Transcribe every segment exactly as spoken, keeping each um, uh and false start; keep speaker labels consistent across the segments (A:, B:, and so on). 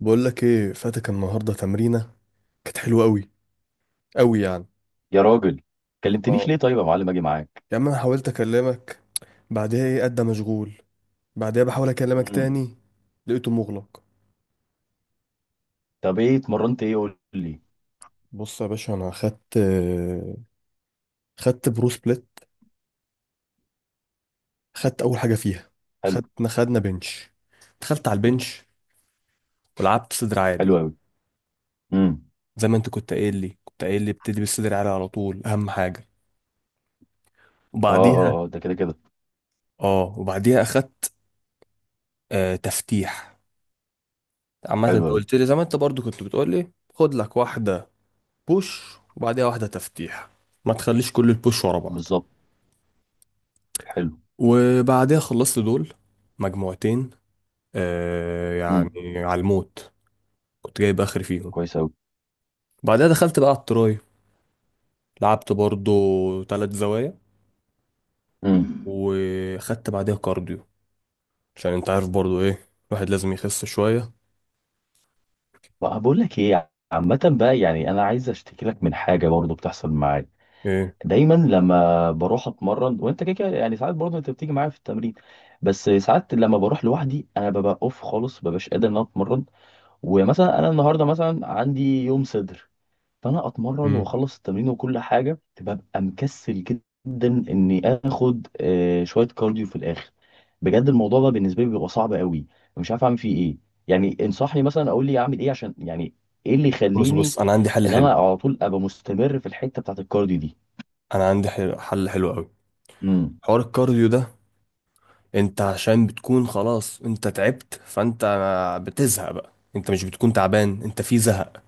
A: بقول لك ايه، فاتك النهارده تمرينه كانت حلوه قوي، قوي يعني.
B: يا راجل، كلمتنيش
A: اه،
B: ليه؟ طيب يا معلم اجي معاك.
A: يا عم انا حاولت اكلمك بعدها، ايه قد مشغول. بعدها بحاول اكلمك
B: امم
A: تاني، لقيته مغلق.
B: طب ايه اتمرنت؟ ايه قول لي.
A: بص يا باشا، انا خدت خدت برو سبليت. خدت اول حاجه فيها.
B: حلو.
A: خدنا خدنا بنش، دخلت على البنش ولعبت صدر عالي
B: حلو قوي. امم
A: زي ما انت كنت قايل لي، كنت قايل لي ابتدي بالصدر عالي على طول، اهم حاجه.
B: اه
A: وبعديها
B: اه اه، ده كده كده.
A: اه وبعديها اخدت آه تفتيح. عامة
B: حلو
A: انت
B: قوي.
A: قلت لي، زي ما انت برضو كنت بتقول لي، خد لك واحدة بوش وبعديها واحدة تفتيح، ما تخليش كل البوش ورا بعض.
B: بالظبط. حلو.
A: وبعديها خلصت دول، مجموعتين آه
B: امم
A: يعني، على الموت، كنت جايب اخر فيهم.
B: كويس قوي.
A: بعدها دخلت بقى على التراي، لعبت برضو تلات زوايا،
B: امم
A: وخدت بعديها كارديو عشان انت عارف برضو ايه، الواحد لازم يخس شوية.
B: بقى بقول لك ايه، عامة بقى يعني انا عايز اشتكي لك من حاجة برضو بتحصل معايا.
A: ايه؟
B: دايما لما بروح اتمرن وانت كده كده، يعني ساعات برضو انت بتيجي معايا في التمرين، بس ساعات لما بروح لوحدي انا ببقى اوف خالص، مببقاش قادر ان انا اتمرن. ومثلا انا النهارده مثلا عندي يوم صدر، فانا اتمرن
A: مم.
B: واخلص التمرين وكل حاجه ببقى مكسل جدا اني اخد آه، شويه كارديو في الاخر. بجد الموضوع ده بالنسبه لي بيبقى صعب قوي، مش عارف اعمل فيه ايه. يعني انصحني مثلا، اقول لي اعمل ايه عشان يعني ايه اللي
A: بص
B: يخليني
A: بص انا عندي حل
B: ان انا
A: حلو.
B: على طول ابقى مستمر في الحته بتاعت الكارديو دي.
A: انا عندي حل حل حلو قوي.
B: امم
A: حوار الكارديو ده، انت عشان بتكون خلاص انت تعبت، فانت بتزهق بقى، انت مش بتكون تعبان، انت في زهق.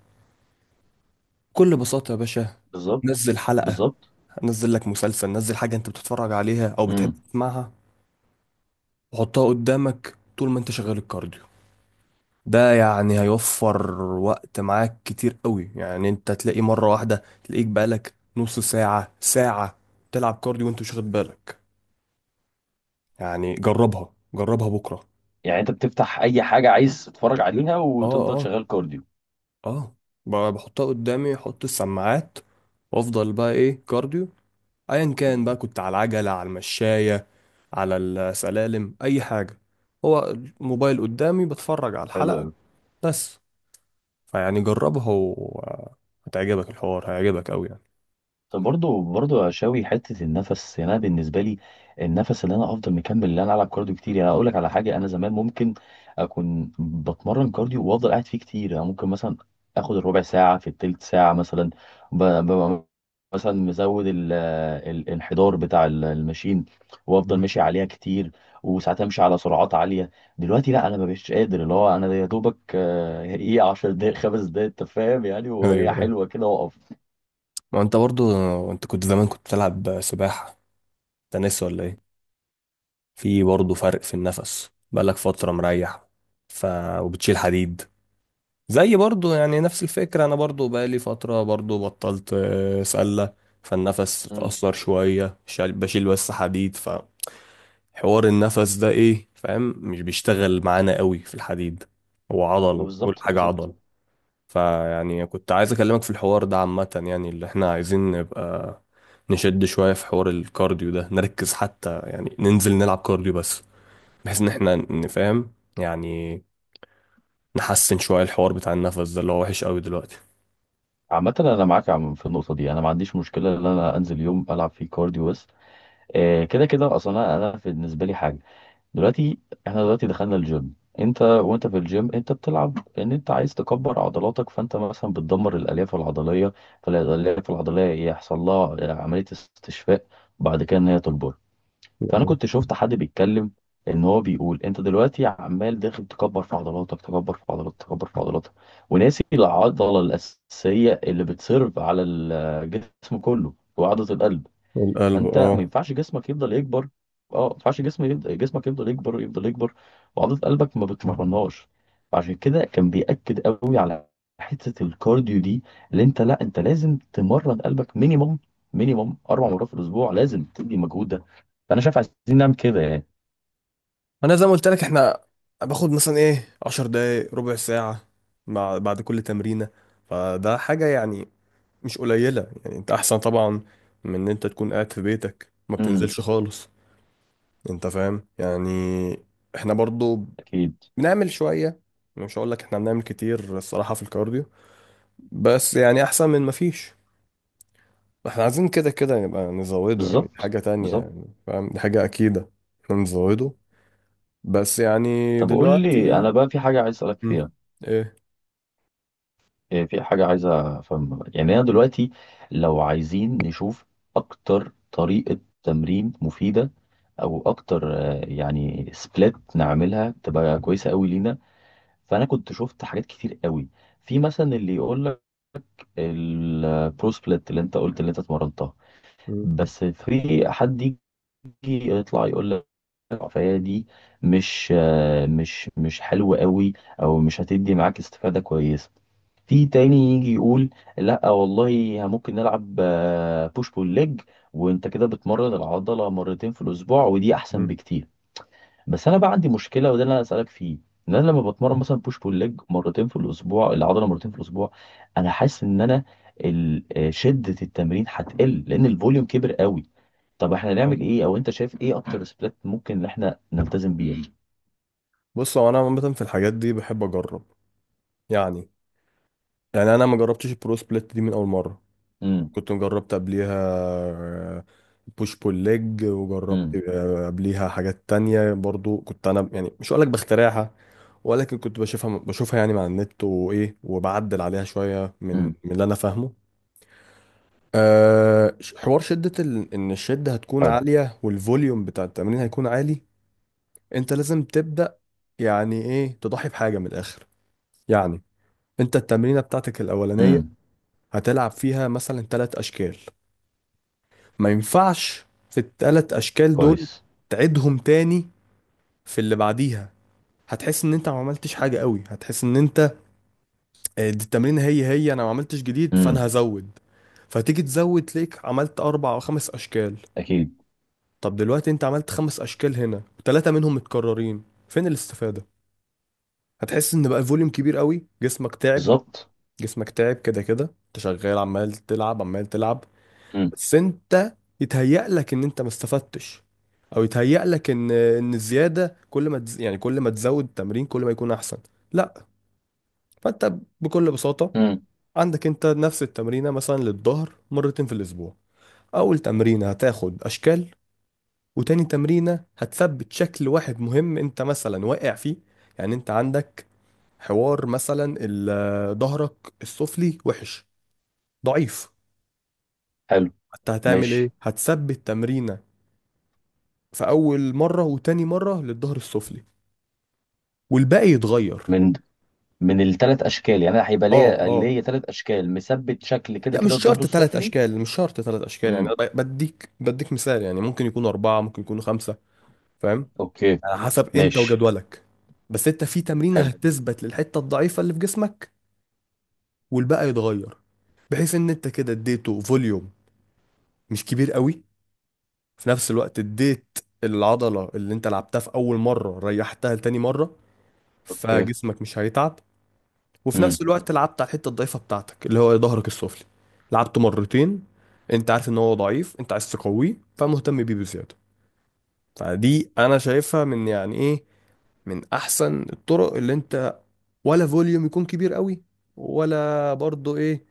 A: بكل بساطة يا باشا،
B: بالظبط
A: نزل حلقة،
B: بالظبط.
A: نزل لك مسلسل، نزل حاجة انت بتتفرج عليها او بتحب
B: امم
A: تسمعها، وحطها قدامك طول ما انت شغال الكارديو. ده يعني هيوفر وقت معاك كتير قوي، يعني انت تلاقي مرة واحدة تلاقيك بقالك نص ساعة ساعة تلعب كارديو وانت مش واخد بالك. يعني جربها، جربها بكرة.
B: يعني انت بتفتح اي حاجه عايز تتفرج عليها وتفضل
A: اه،
B: شغال كارديو؟
A: اه، ب- بحطها قدامي، احط السماعات وافضل بقى ايه، كارديو، ايا كان بقى،
B: امم
A: كنت على العجلة، على المشاية، على السلالم، اي حاجة، هو الموبايل قدامي بتفرج على
B: حلو
A: الحلقة.
B: قوي.
A: بس فيعني جربها، وهتعجبك، الحوار هيعجبك قوي يعني.
B: طب برضه برضه يا شاوي، حته النفس، يعني انا بالنسبه لي النفس، اللي انا افضل مكمل اللي انا العب كارديو كتير. يعني اقول لك على حاجه، انا زمان ممكن اكون بتمرن كارديو وافضل قاعد فيه كتير، يعني ممكن مثلا اخد الربع ساعه في التلت ساعه مثلا. ب... ب... مثلا مزود ال... الانحدار بتاع ال- الماشين، وافضل
A: مم.
B: ماشي عليها كتير. وساعات امشي على سرعات عاليه. دلوقتي لا، انا ما بقتش قادر. اللي هو انا يا دوبك آه، ايه عشر دقايق، خمس دقايق، انت فاهم يعني،
A: ايوه،
B: وهي
A: ايوه،
B: حلوه كده واقف.
A: ما انت برضو، انت كنت زمان كنت بتلعب سباحة، تنس ولا ايه، في برضو فرق في النفس بقالك فترة مريح، ف، وبتشيل حديد. زي برضو يعني نفس الفكرة، أنا برضو بقالي فترة برضو بطلت آه، سلة، فالنفس اتأثر شوية، شال- بشيل بس حديد، فحوار النفس ده إيه، فاهم، مش بيشتغل معانا قوي في الحديد، هو
B: ما
A: عضل، كل
B: بالظبط
A: حاجة
B: بالظبط.
A: عضل. فيعني كنت عايز أكلمك في الحوار ده عامة، يعني اللي إحنا عايزين، نبقى نشد شوية في حوار الكارديو ده، نركز، حتى يعني ننزل نلعب كارديو بس، بحيث إن إحنا نفهم يعني نحسن شوية الحوار بتاع النفس ده، اللي هو وحش قوي دلوقتي.
B: عامة أنا معاك يا عم في النقطة دي، أنا ما عنديش مشكلة إن أنا أنزل يوم ألعب فيه كارديو بس. آه، كده كده أصلا أنا أنا في- بالنسبة لي حاجة دلوقتي. إحنا دلوقتي دخلنا الجيم، أنت وأنت في الجيم أنت بتلعب إن أنت عايز تكبر عضلاتك، فأنت مثلا بتدمر الألياف العضلية. فالألياف العضلية يحصل لها آه، عملية استشفاء بعد كده إن هي تكبر. فانا كنت شفت حد بيتكلم، ان هو بيقول انت دلوقتي عمال داخل تكبر في عضلاتك، تكبر في عضلاتك، تكبر في عضلاتك، وناسي العضله الاساسيه اللي بتسيرف على الجسم كله وعضله القلب.
A: القلب،
B: فانت ما
A: اه.
B: ينفعش جسمك يفضل يكبر. اه، ما ينفعش جسم يفضل جسمك يفضل يكبر يفضل يكبر، وعضله قلبك ما بتمرنهاش. فعشان كده كان بيأكد قوي على حته الكارديو دي، اللي انت لا، انت لازم تمرن قلبك مينيموم، مينيموم اربع مرات في الاسبوع، لازم تدي مجهود ده. فانا شايف عايزين نعمل كده يعني.
A: انا زي ما قلت لك، احنا باخد مثلا ايه عشر دقايق، ربع ساعة، مع بعد كل تمرينة، فده حاجة يعني مش قليلة، يعني انت احسن طبعا من ان انت تكون قاعد في بيتك ما
B: امم
A: بتنزلش خالص، انت فاهم يعني، احنا برضو
B: اكيد.
A: بنعمل شوية. مش هقول لك احنا بنعمل كتير الصراحة في الكارديو، بس يعني احسن من ما فيش. احنا عايزين كده كده نبقى نزوده، يعني دي
B: بالظبط
A: حاجة تانية
B: بالظبط.
A: يعني، فاهم، دي حاجة اكيدة، احنا نزوده بس يعني.
B: طب قول لي
A: دلوقتي،
B: انا بقى، في حاجه عايز اسالك
A: مم.
B: فيها.
A: ايه؟
B: إيه، في حاجة عايزة أفهم، يعني أنا دلوقتي لو عايزين نشوف أكتر طريقة تمرين مفيدة، أو أكتر آه، يعني سبليت نعملها تبقى كويسة أوي لينا. فأنا كنت شفت حاجات كتير أوي. في مثلا اللي يقول لك البرو سبليت اللي أنت قلت اللي أنت اتمرنتها.
A: مم.
B: بس في حد يجي يطلع يقول لك فهي دي مش آه، مش مش حلوة أوي، أو مش هتدي معاك استفادة كويسة. في تاني يجي يقول لا والله، ممكن نلعب بوش بول ليج وانت كده بتمرن العضله مرتين في الاسبوع ودي احسن
A: مم.
B: بكتير. بس انا بقى عندي مشكله وده اللي انا اسالك فيه، ان انا لما بتمرن مثلا بوش بول ليج مرتين في الاسبوع، العضله مرتين في الاسبوع، انا حاسس ان انا ال- آه، شده التمرين هتقل لان الفوليوم كبر قوي. طب احنا
A: اه،
B: نعمل ايه؟ او انت شايف ايه اكتر سبلات ممكن ان احنا نلتزم بيها؟
A: بص، هو انا عامه في الحاجات دي بحب اجرب يعني. يعني انا ما جربتش البرو سبليت دي من اول مره،
B: امم
A: كنت جربت قبليها بوش بول ليج، وجربت
B: امم
A: آه، قبليها حاجات تانية برضو، كنت انا يعني مش هقولك بخترعها، ولكن كنت بشوفها بشوفها يعني مع النت وايه، وبعدل عليها شويه من
B: امم
A: من اللي انا فاهمه. أه، ش- حوار شدة ال... ان الشدة هتكون
B: حلو.
A: عالية، والفوليوم بتاع التمرين هيكون عالي. انت لازم تبدأ يعني ايه، تضحي بحاجة من الآخر، يعني انت التمرينة بتاعتك الأولانية
B: امم
A: هتلعب فيها مثلا ثلاث أشكال، ما ينفعش في الثلاث أشكال دول
B: كويس.
A: تعيدهم تاني في اللي بعديها، هتحس ان انت ما عملتش حاجة قوي، هتحس ان انت آه، دي التمرينة هي هي انا ما عملتش جديد فانا
B: امم
A: هزود، فتيجي تزود تلاقيك عملت أربع أو خمس أشكال.
B: اكيد.
A: طب دلوقتي انت عملت خمس أشكال هنا ثلاثة منهم متكررين، فين الاستفادة؟ هتحس ان بقى الفوليوم كبير قوي، جسمك تعب.
B: بالظبط.
A: جسمك تعب كده كده انت شغال، عمال تلعب عمال تلعب،
B: امم
A: بس انت يتهيأ لك ان انت ما استفدتش، او يتهيأ لك ان ان الزياده كل ما تز... يعني كل ما تزود التمرين كل ما يكون احسن. لا. فانت بكل بساطه،
B: امم
A: عندك انت نفس التمرينه مثلا للظهر مرتين في الاسبوع، اول تمرينه هتاخد اشكال، وتاني تمرينه هتثبت شكل واحد مهم انت مثلا واقع فيه. يعني انت عندك حوار مثلا ال- ظهرك السفلي وحش، ضعيف،
B: حلو.
A: انت هتعمل ايه؟
B: ماشي.
A: هتثبت تمرينه في اول مره وتاني مره للظهر السفلي، والباقي يتغير.
B: من من التلات يعني؟ أنا هيبقى
A: اه،
B: ليا
A: اه.
B: ليا تلات مثبت شكل كده
A: لا مش
B: كده الظهر
A: شرط ثلاث
B: السفلي.
A: اشكال، مش شرط ثلاث اشكال يعني
B: امم
A: أنا ب- بديك بديك مثال، يعني ممكن يكون اربعه، ممكن يكونوا خمسه. فاهم؟
B: اوكي.
A: على حسب انت
B: ماشي.
A: وجدولك. بس انت في تمرينه
B: حلو.
A: هتثبت للحته الضعيفه اللي في جسمك، والباقي يتغير، بحيث ان انت كده اديته فوليوم مش كبير قوي. في نفس الوقت اديت العضله اللي انت لعبتها في اول مره ريحتها لتاني مره،
B: اوكي.
A: فجسمك مش هيتعب. وفي
B: امم
A: نفس الوقت لعبت على الحته الضعيفه بتاعتك اللي هو ظهرك السفلي، لعبته مرتين. انت عارف ان هو ضعيف، انت عايز تقويه، فمهتم بيه بزياده. فدي انا شايفها من يعني ايه، من احسن الطرق، اللي انت ولا فوليوم يكون كبير قوي، ولا برضه ايه،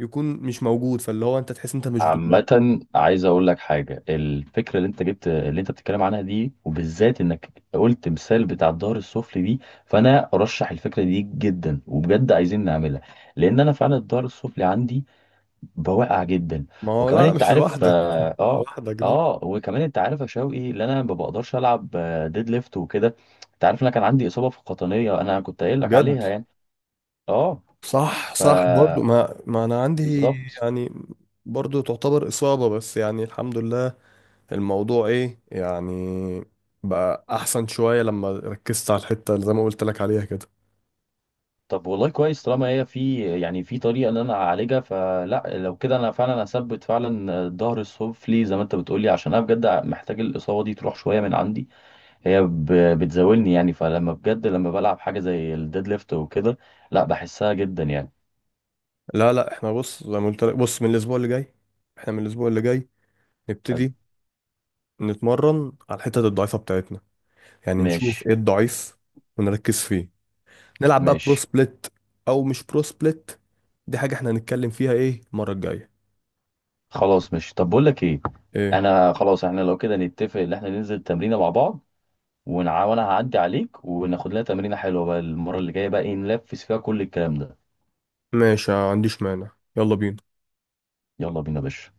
A: يكون مش موجود فاللي هو انت تحس انت مش بتتمرن.
B: عامة عايز اقول لك حاجة، الفكرة اللي انت جبت اللي انت بتتكلم عنها دي، وبالذات انك قلت مثال بتاع الظهر السفلي دي. فانا ارشح الفكرة دي جدا، وبجد عايزين نعملها، لان انا فعلا الظهر السفلي عندي بواقع جدا.
A: ما هو
B: وكمان
A: لا لا،
B: انت
A: مش
B: عارف.
A: لوحدك،
B: اه اه.
A: لوحدك دي.
B: آه، وكمان انت عارف يا شوقي، ان انا ما بقدرش العب آه، ديد ليفت وكده. انت عارف ان انا كان عندي اصابه في القطنيه، انا كنت قايل لك
A: بجد،
B: عليها يعني. اه.
A: صح،
B: ف.
A: صح برضو، ما ما انا عندي
B: بالظبط.
A: يعني، برضو تعتبر اصابة، بس يعني الحمد لله الموضوع ايه يعني، بقى احسن شوية لما ركزت على الحتة اللي زي ما قلت لك عليها كده.
B: طب والله كويس، طالما هي في يعني في طريقه ان انا اعالجها، فلا لو كده انا فعلا هثبت فعلا الظهر السفلي زي ما انت بتقولي، عشان انا بجد محتاج الاصابه دي تروح شويه من عندي. هي ب- بتزاولني يعني، فلما بجد لما بلعب حاجه زي الديد ليفت وكده، لا بحسها جدا يعني.
A: لا لا، احنا بص زي ما قلت لك، بص من الاسبوع اللي جاي، احنا من الاسبوع اللي جاي
B: حلو.
A: نبتدي نتمرن على الحتت الضعيفة بتاعتنا، يعني نشوف
B: ماشي.
A: ايه الضعيف ونركز فيه، نلعب بقى برو
B: ماشي.
A: سبليت او مش برو سبليت، دي حاجة احنا هنتكلم فيها ايه المرة الجاية.
B: خلاص ماشي. طب بقول لك ايه،
A: ايه؟
B: انا خلاص احنا لو كده نتفق ان احنا ننزل تمرينه مع بعض، ونع... وانا هعدي عليك وناخد لنا تمرينه حلوه بقى، المره اللي جايه بقى ايه نلفس فيها كل الكلام ده.
A: ماشي، ما عنديش مانع، يلا بينا.
B: يلا بينا يا باشا.